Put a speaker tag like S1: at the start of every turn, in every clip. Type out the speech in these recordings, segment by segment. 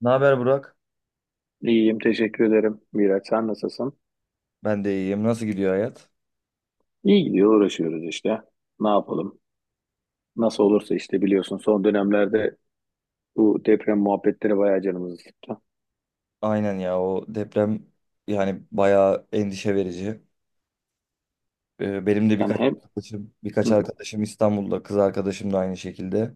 S1: Ne haber Burak?
S2: İyiyim, teşekkür ederim Miraç. Sen nasılsın?
S1: Ben de iyiyim. Nasıl gidiyor hayat?
S2: İyi gidiyor, uğraşıyoruz işte. Ne yapalım? Nasıl olursa işte, biliyorsun son dönemlerde bu deprem muhabbetleri bayağı canımızı sıktı.
S1: Aynen ya o deprem yani bayağı endişe verici. Benim de
S2: Yani
S1: birkaç
S2: hem
S1: arkadaşım,
S2: hı
S1: birkaç
S2: hı.
S1: arkadaşım İstanbul'da, kız arkadaşım da aynı şekilde.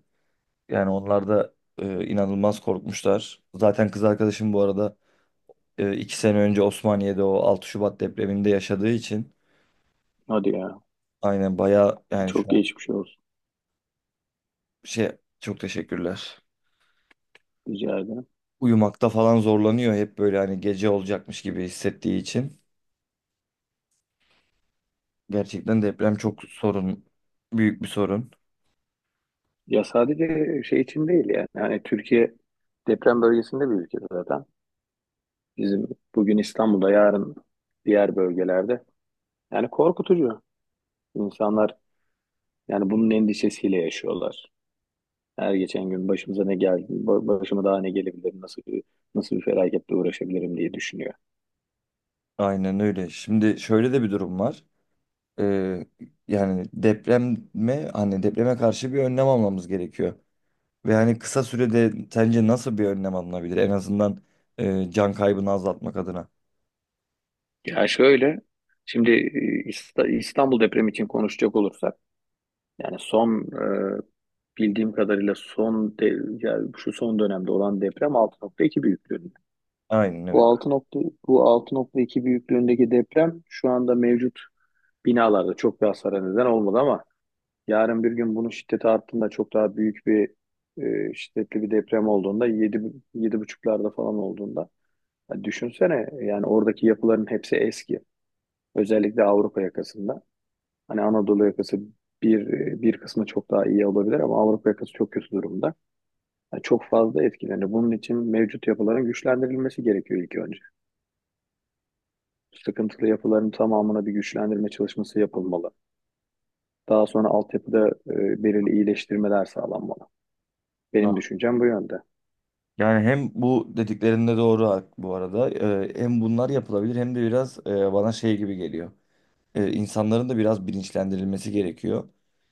S1: Yani onlar da inanılmaz korkmuşlar. Zaten kız arkadaşım bu arada 2 sene önce Osmaniye'de o 6 Şubat depreminde yaşadığı için
S2: Hadi ya,
S1: aynen bayağı yani
S2: çok
S1: şu an
S2: geçmiş olsun,
S1: şey çok teşekkürler.
S2: rica ederim.
S1: Uyumakta falan zorlanıyor hep böyle hani gece olacakmış gibi hissettiği için. Gerçekten deprem çok sorun, büyük bir sorun.
S2: Ya sadece şey için değil yani. Yani Türkiye deprem bölgesinde bir ülke zaten. Bizim bugün İstanbul'da, yarın diğer bölgelerde. Yani korkutucu. İnsanlar yani bunun endişesiyle yaşıyorlar. Her geçen gün başımıza ne geldi, başıma daha ne gelebilir, nasıl bir, nasıl bir felaketle uğraşabilirim diye düşünüyor.
S1: Aynen öyle. Şimdi şöyle de bir durum var. Ee, yani depreme hani depreme karşı bir önlem almamız gerekiyor. Ve hani kısa sürede sence nasıl bir önlem alınabilir? En azından can kaybını azaltmak adına.
S2: Ya şöyle, şimdi İstanbul depremi için konuşacak olursak, yani son e, bildiğim kadarıyla son de, yani şu son dönemde olan deprem 6.2 büyüklüğünde.
S1: Aynen
S2: Bu
S1: evet.
S2: bu 6.2 büyüklüğündeki deprem şu anda mevcut binalarda çok bir hasara neden olmadı ama yarın bir gün bunun şiddeti arttığında çok daha büyük bir şiddetli bir deprem olduğunda 7 yedi buçuklarda falan olduğunda, ya düşünsene, yani oradaki yapıların hepsi eski. Özellikle Avrupa yakasında. Hani Anadolu yakası bir bir kısmı çok daha iyi olabilir ama Avrupa yakası çok kötü durumda. Yani çok fazla etkilendi. Bunun için mevcut yapıların güçlendirilmesi gerekiyor ilk önce. Sıkıntılı yapıların tamamına bir güçlendirme çalışması yapılmalı. Daha sonra altyapıda belirli iyileştirmeler sağlanmalı.
S1: Ha.
S2: Benim düşüncem bu yönde.
S1: Yani hem bu dediklerinde doğru bu arada. Hem bunlar yapılabilir hem de biraz bana şey gibi geliyor. E, insanların da biraz bilinçlendirilmesi gerekiyor.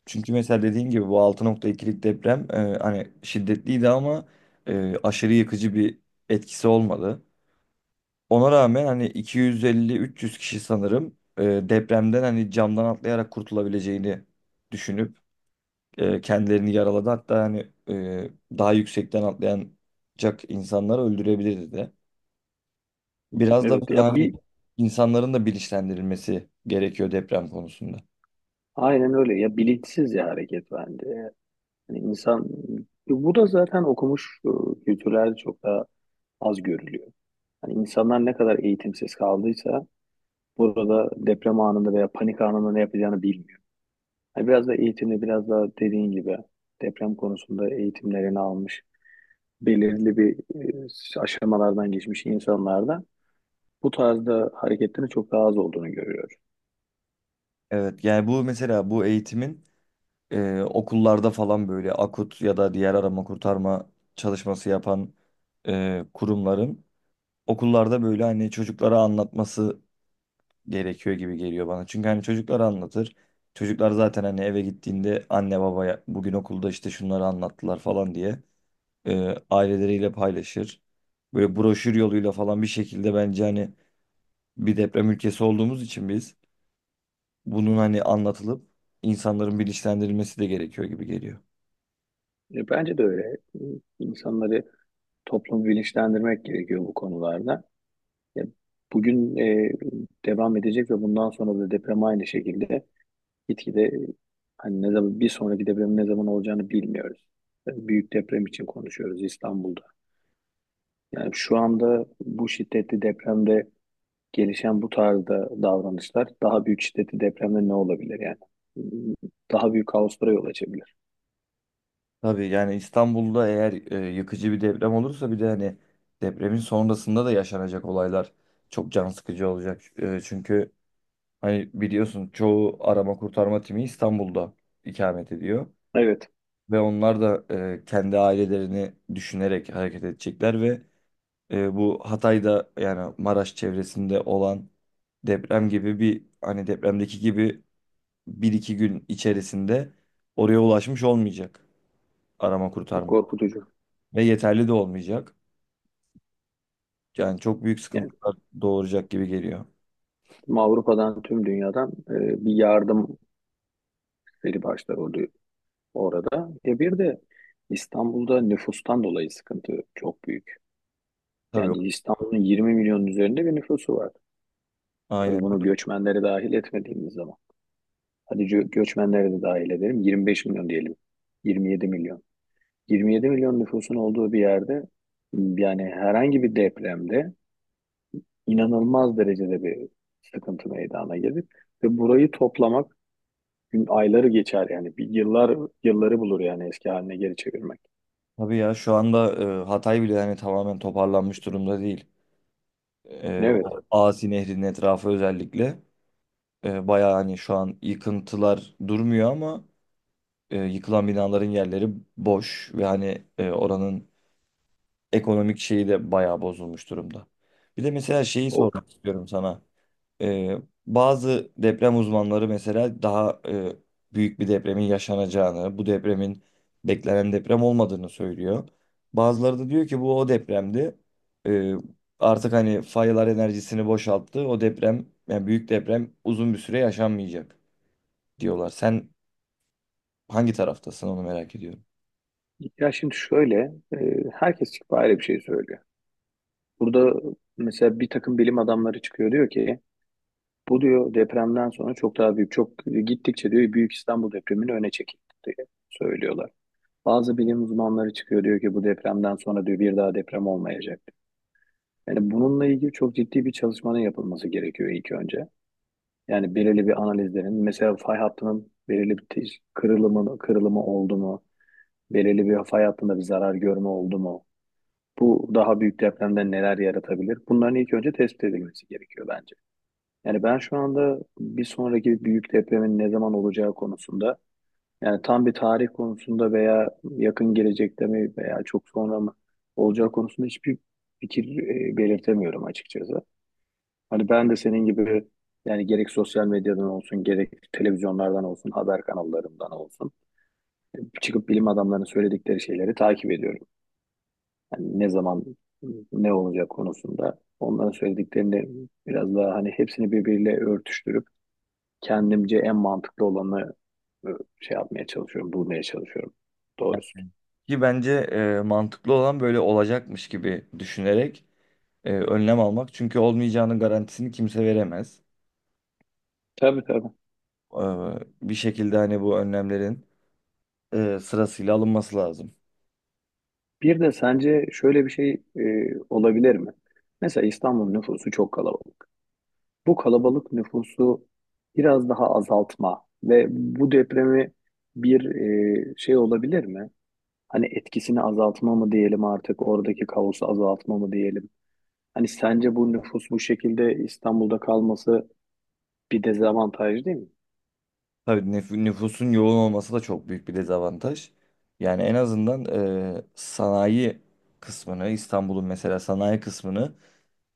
S1: Çünkü mesela dediğim gibi bu 6,2'lik deprem hani şiddetliydi ama aşırı yıkıcı bir etkisi olmadı. Ona rağmen hani 250-300 kişi sanırım depremden hani camdan atlayarak kurtulabileceğini düşünüp kendilerini yaraladı. Hatta hani daha yüksekten atlayacak insanları öldürebilirdi de. Biraz da
S2: Evet
S1: böyle
S2: ya,
S1: hani
S2: bir
S1: insanların da bilinçlendirilmesi gerekiyor deprem konusunda.
S2: aynen öyle ya, bilinçsizce hareket bence. Yani insan, bu da zaten okumuş kültürlerde çok daha az görülüyor. Hani insanlar ne kadar eğitimsiz kaldıysa burada deprem anında veya panik anında ne yapacağını bilmiyor. Hani biraz da eğitimli, biraz da dediğin gibi deprem konusunda eğitimlerini almış, belirli bir aşamalardan geçmiş insanlarda bu tarzda hareketlerin çok daha az olduğunu görüyoruz.
S1: Evet yani bu mesela bu eğitimin okullarda falan böyle AKUT ya da diğer arama kurtarma çalışması yapan kurumların okullarda böyle hani çocuklara anlatması gerekiyor gibi geliyor bana. Çünkü hani çocuklara anlatır. Çocuklar zaten hani eve gittiğinde anne babaya bugün okulda işte şunları anlattılar falan diye aileleriyle paylaşır. Böyle broşür yoluyla falan bir şekilde bence hani bir deprem ülkesi olduğumuz için biz bunun hani anlatılıp insanların bilinçlendirilmesi de gerekiyor gibi geliyor.
S2: Bence de öyle. İnsanları, toplum bilinçlendirmek gerekiyor bu konularda. Ya, bugün devam edecek ve bundan sonra da deprem aynı şekilde gitgide hani ne zaman bir sonraki depremin ne zaman olacağını bilmiyoruz. Büyük deprem için konuşuyoruz İstanbul'da. Yani şu anda bu şiddetli depremde gelişen bu tarzda davranışlar daha büyük şiddetli depremde ne olabilir yani? Daha büyük kaoslara yol açabilir.
S1: Tabii yani İstanbul'da eğer yıkıcı bir deprem olursa bir de hani depremin sonrasında da yaşanacak olaylar çok can sıkıcı olacak. Çünkü hani biliyorsun çoğu arama kurtarma timi İstanbul'da ikamet ediyor
S2: Evet,
S1: ve onlar da kendi ailelerini düşünerek hareket edecekler ve bu Hatay'da yani Maraş çevresinde olan deprem gibi bir hani depremdeki gibi bir iki gün içerisinde oraya ulaşmış olmayacak arama
S2: bu
S1: kurtarma.
S2: korkutucu.
S1: Ve yeterli de olmayacak. Yani çok büyük
S2: Yani
S1: sıkıntılar doğuracak gibi geliyor.
S2: tüm Avrupa'dan, tüm dünyadan bir yardım seri başlar oluyor orada. E bir de İstanbul'da nüfustan dolayı sıkıntı çok büyük.
S1: Tabii.
S2: Yani İstanbul'un 20 milyonun üzerinde bir nüfusu var. Tabii
S1: Aynen.
S2: bunu göçmenleri dahil etmediğimiz zaman. Hadi göçmenleri de dahil edelim. 25 milyon diyelim. 27 milyon. 27 milyon nüfusun olduğu bir yerde yani herhangi bir depremde inanılmaz derecede bir sıkıntı meydana gelir ve burayı toplamak gün ayları geçer yani bir yıllar, yılları bulur yani eski haline geri çevirmek.
S1: Tabii ya şu anda Hatay bile hani tamamen toparlanmış durumda değil. O
S2: Evet.
S1: Asi Nehri'nin etrafı özellikle bayağı hani şu an yıkıntılar durmuyor ama yıkılan binaların yerleri boş ve hani oranın ekonomik şeyi de bayağı bozulmuş durumda. Bir de mesela şeyi
S2: O
S1: sormak istiyorum sana. Ee, bazı deprem uzmanları mesela daha büyük bir depremin yaşanacağını, bu depremin beklenen deprem olmadığını söylüyor. Bazıları da diyor ki bu o depremdi. Ee, artık hani faylar enerjisini boşalttı. O deprem, yani büyük deprem uzun bir süre yaşanmayacak diyorlar. Sen hangi taraftasın onu merak ediyorum.
S2: ya, şimdi şöyle, herkes çıkıp ayrı bir şey söylüyor. Burada mesela bir takım bilim adamları çıkıyor, diyor ki bu diyor depremden sonra çok daha büyük, çok gittikçe diyor Büyük İstanbul depremini öne çekildi diye söylüyorlar. Bazı bilim uzmanları çıkıyor diyor ki bu depremden sonra diyor bir daha deprem olmayacak. Yani bununla ilgili çok ciddi bir çalışmanın yapılması gerekiyor ilk önce. Yani belirli bir analizlerin mesela fay hattının belirli bir kırılımı, kırılımı oldu mu? Belirli bir fay hattında bir zarar görme oldu mu? Bu daha büyük depremden neler yaratabilir? Bunların ilk önce tespit edilmesi gerekiyor bence. Yani ben şu anda bir sonraki büyük depremin ne zaman olacağı konusunda, yani tam bir tarih konusunda veya yakın gelecekte mi veya çok sonra mı olacağı konusunda hiçbir fikir belirtemiyorum açıkçası. Hani ben de senin gibi yani gerek sosyal medyadan olsun, gerek televizyonlardan olsun, haber kanallarından olsun çıkıp bilim adamlarının söyledikleri şeyleri takip ediyorum. Yani ne zaman ne olacak konusunda onların söylediklerini biraz daha hani hepsini birbiriyle örtüştürüp kendimce en mantıklı olanı e, şey yapmaya çalışıyorum, bulmaya çalışıyorum doğrusu.
S1: Ki bence mantıklı olan böyle olacakmış gibi düşünerek önlem almak. Çünkü olmayacağının garantisini kimse veremez.
S2: Tabii tabii.
S1: Ee, bir şekilde hani bu önlemlerin sırasıyla alınması lazım.
S2: Bir de sence şöyle bir şey olabilir mi? Mesela İstanbul nüfusu çok kalabalık. Bu kalabalık nüfusu biraz daha azaltma ve bu depremi bir şey olabilir mi? Hani etkisini azaltma mı diyelim artık, oradaki kaosu azaltma mı diyelim? Hani sence bu nüfus bu şekilde İstanbul'da kalması bir dezavantaj değil mi?
S1: Tabii nüfusun yoğun olması da çok büyük bir dezavantaj. Yani en azından sanayi kısmını, İstanbul'un mesela sanayi kısmını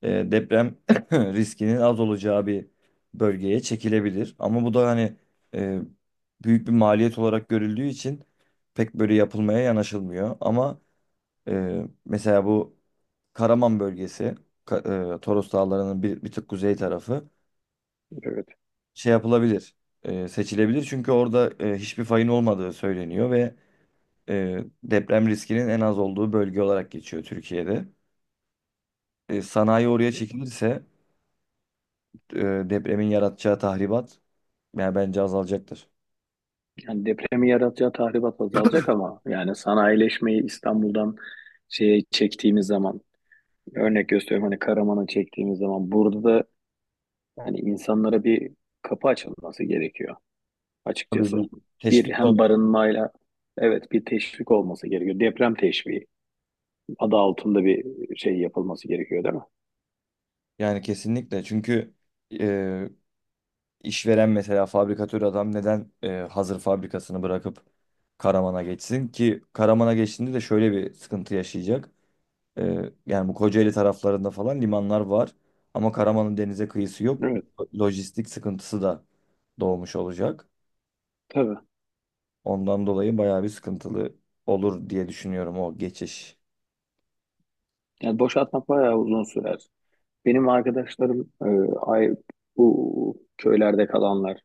S1: deprem riskinin az olacağı bir bölgeye çekilebilir. Ama bu da hani e, büyük bir maliyet olarak görüldüğü için pek böyle yapılmaya yanaşılmıyor. Ama mesela bu Karaman bölgesi, Ka- Toros Dağları'nın bir tık kuzey tarafı
S2: Evet.
S1: şey yapılabilir, seçilebilir. Çünkü orada hiçbir fayın olmadığı söyleniyor ve deprem riskinin en az olduğu bölge olarak geçiyor Türkiye'de. Sanayi oraya çekilirse e, depremin yaratacağı tahribat yani bence azalacaktır.
S2: Yani depremi yaratacağı tahribat azalacak ama yani sanayileşmeyi İstanbul'dan şeye çektiğimiz zaman, örnek gösteriyorum hani Karaman'ı çektiğimiz zaman, burada da hani insanlara bir kapı açılması gerekiyor
S1: Tabii
S2: açıkçası.
S1: bir
S2: Bir
S1: teşvik
S2: hem
S1: olur.
S2: barınmayla, evet bir teşvik olması gerekiyor. Deprem teşviki adı altında bir şey yapılması gerekiyor değil mi?
S1: Yani kesinlikle çünkü e, İşveren mesela fabrikatör adam neden hazır fabrikasını bırakıp Karaman'a geçsin ki Karaman'a geçtiğinde de şöyle bir sıkıntı yaşayacak. E, yani bu Kocaeli taraflarında falan limanlar var ama Karaman'ın denize kıyısı yok.
S2: Evet
S1: Lojistik sıkıntısı da doğmuş olacak.
S2: tabii.
S1: Ondan dolayı bayağı bir sıkıntılı olur diye düşünüyorum o geçiş.
S2: Yani boşaltmak bayağı uzun sürer. Benim arkadaşlarım ay, bu köylerde kalanlar,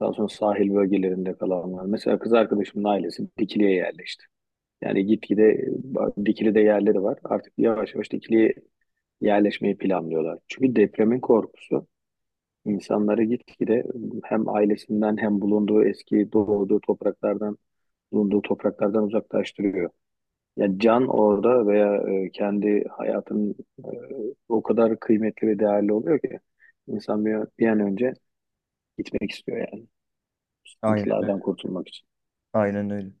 S2: daha sonra sahil bölgelerinde kalanlar. Mesela kız arkadaşımın ailesi Dikili'ye yerleşti. Yani gitgide Dikili'de yerleri var. Artık yavaş yavaş Dikili'ye yerleşmeyi planlıyorlar. Çünkü depremin korkusu insanları gitgide hem ailesinden, hem bulunduğu eski doğduğu topraklardan, bulunduğu topraklardan uzaklaştırıyor. Yani can orada veya kendi hayatının e, o kadar kıymetli ve değerli oluyor ki insan bir, bir an önce gitmek istiyor yani
S1: Aynen öyle.
S2: sıkıntılardan kurtulmak için.
S1: Aynen öyle.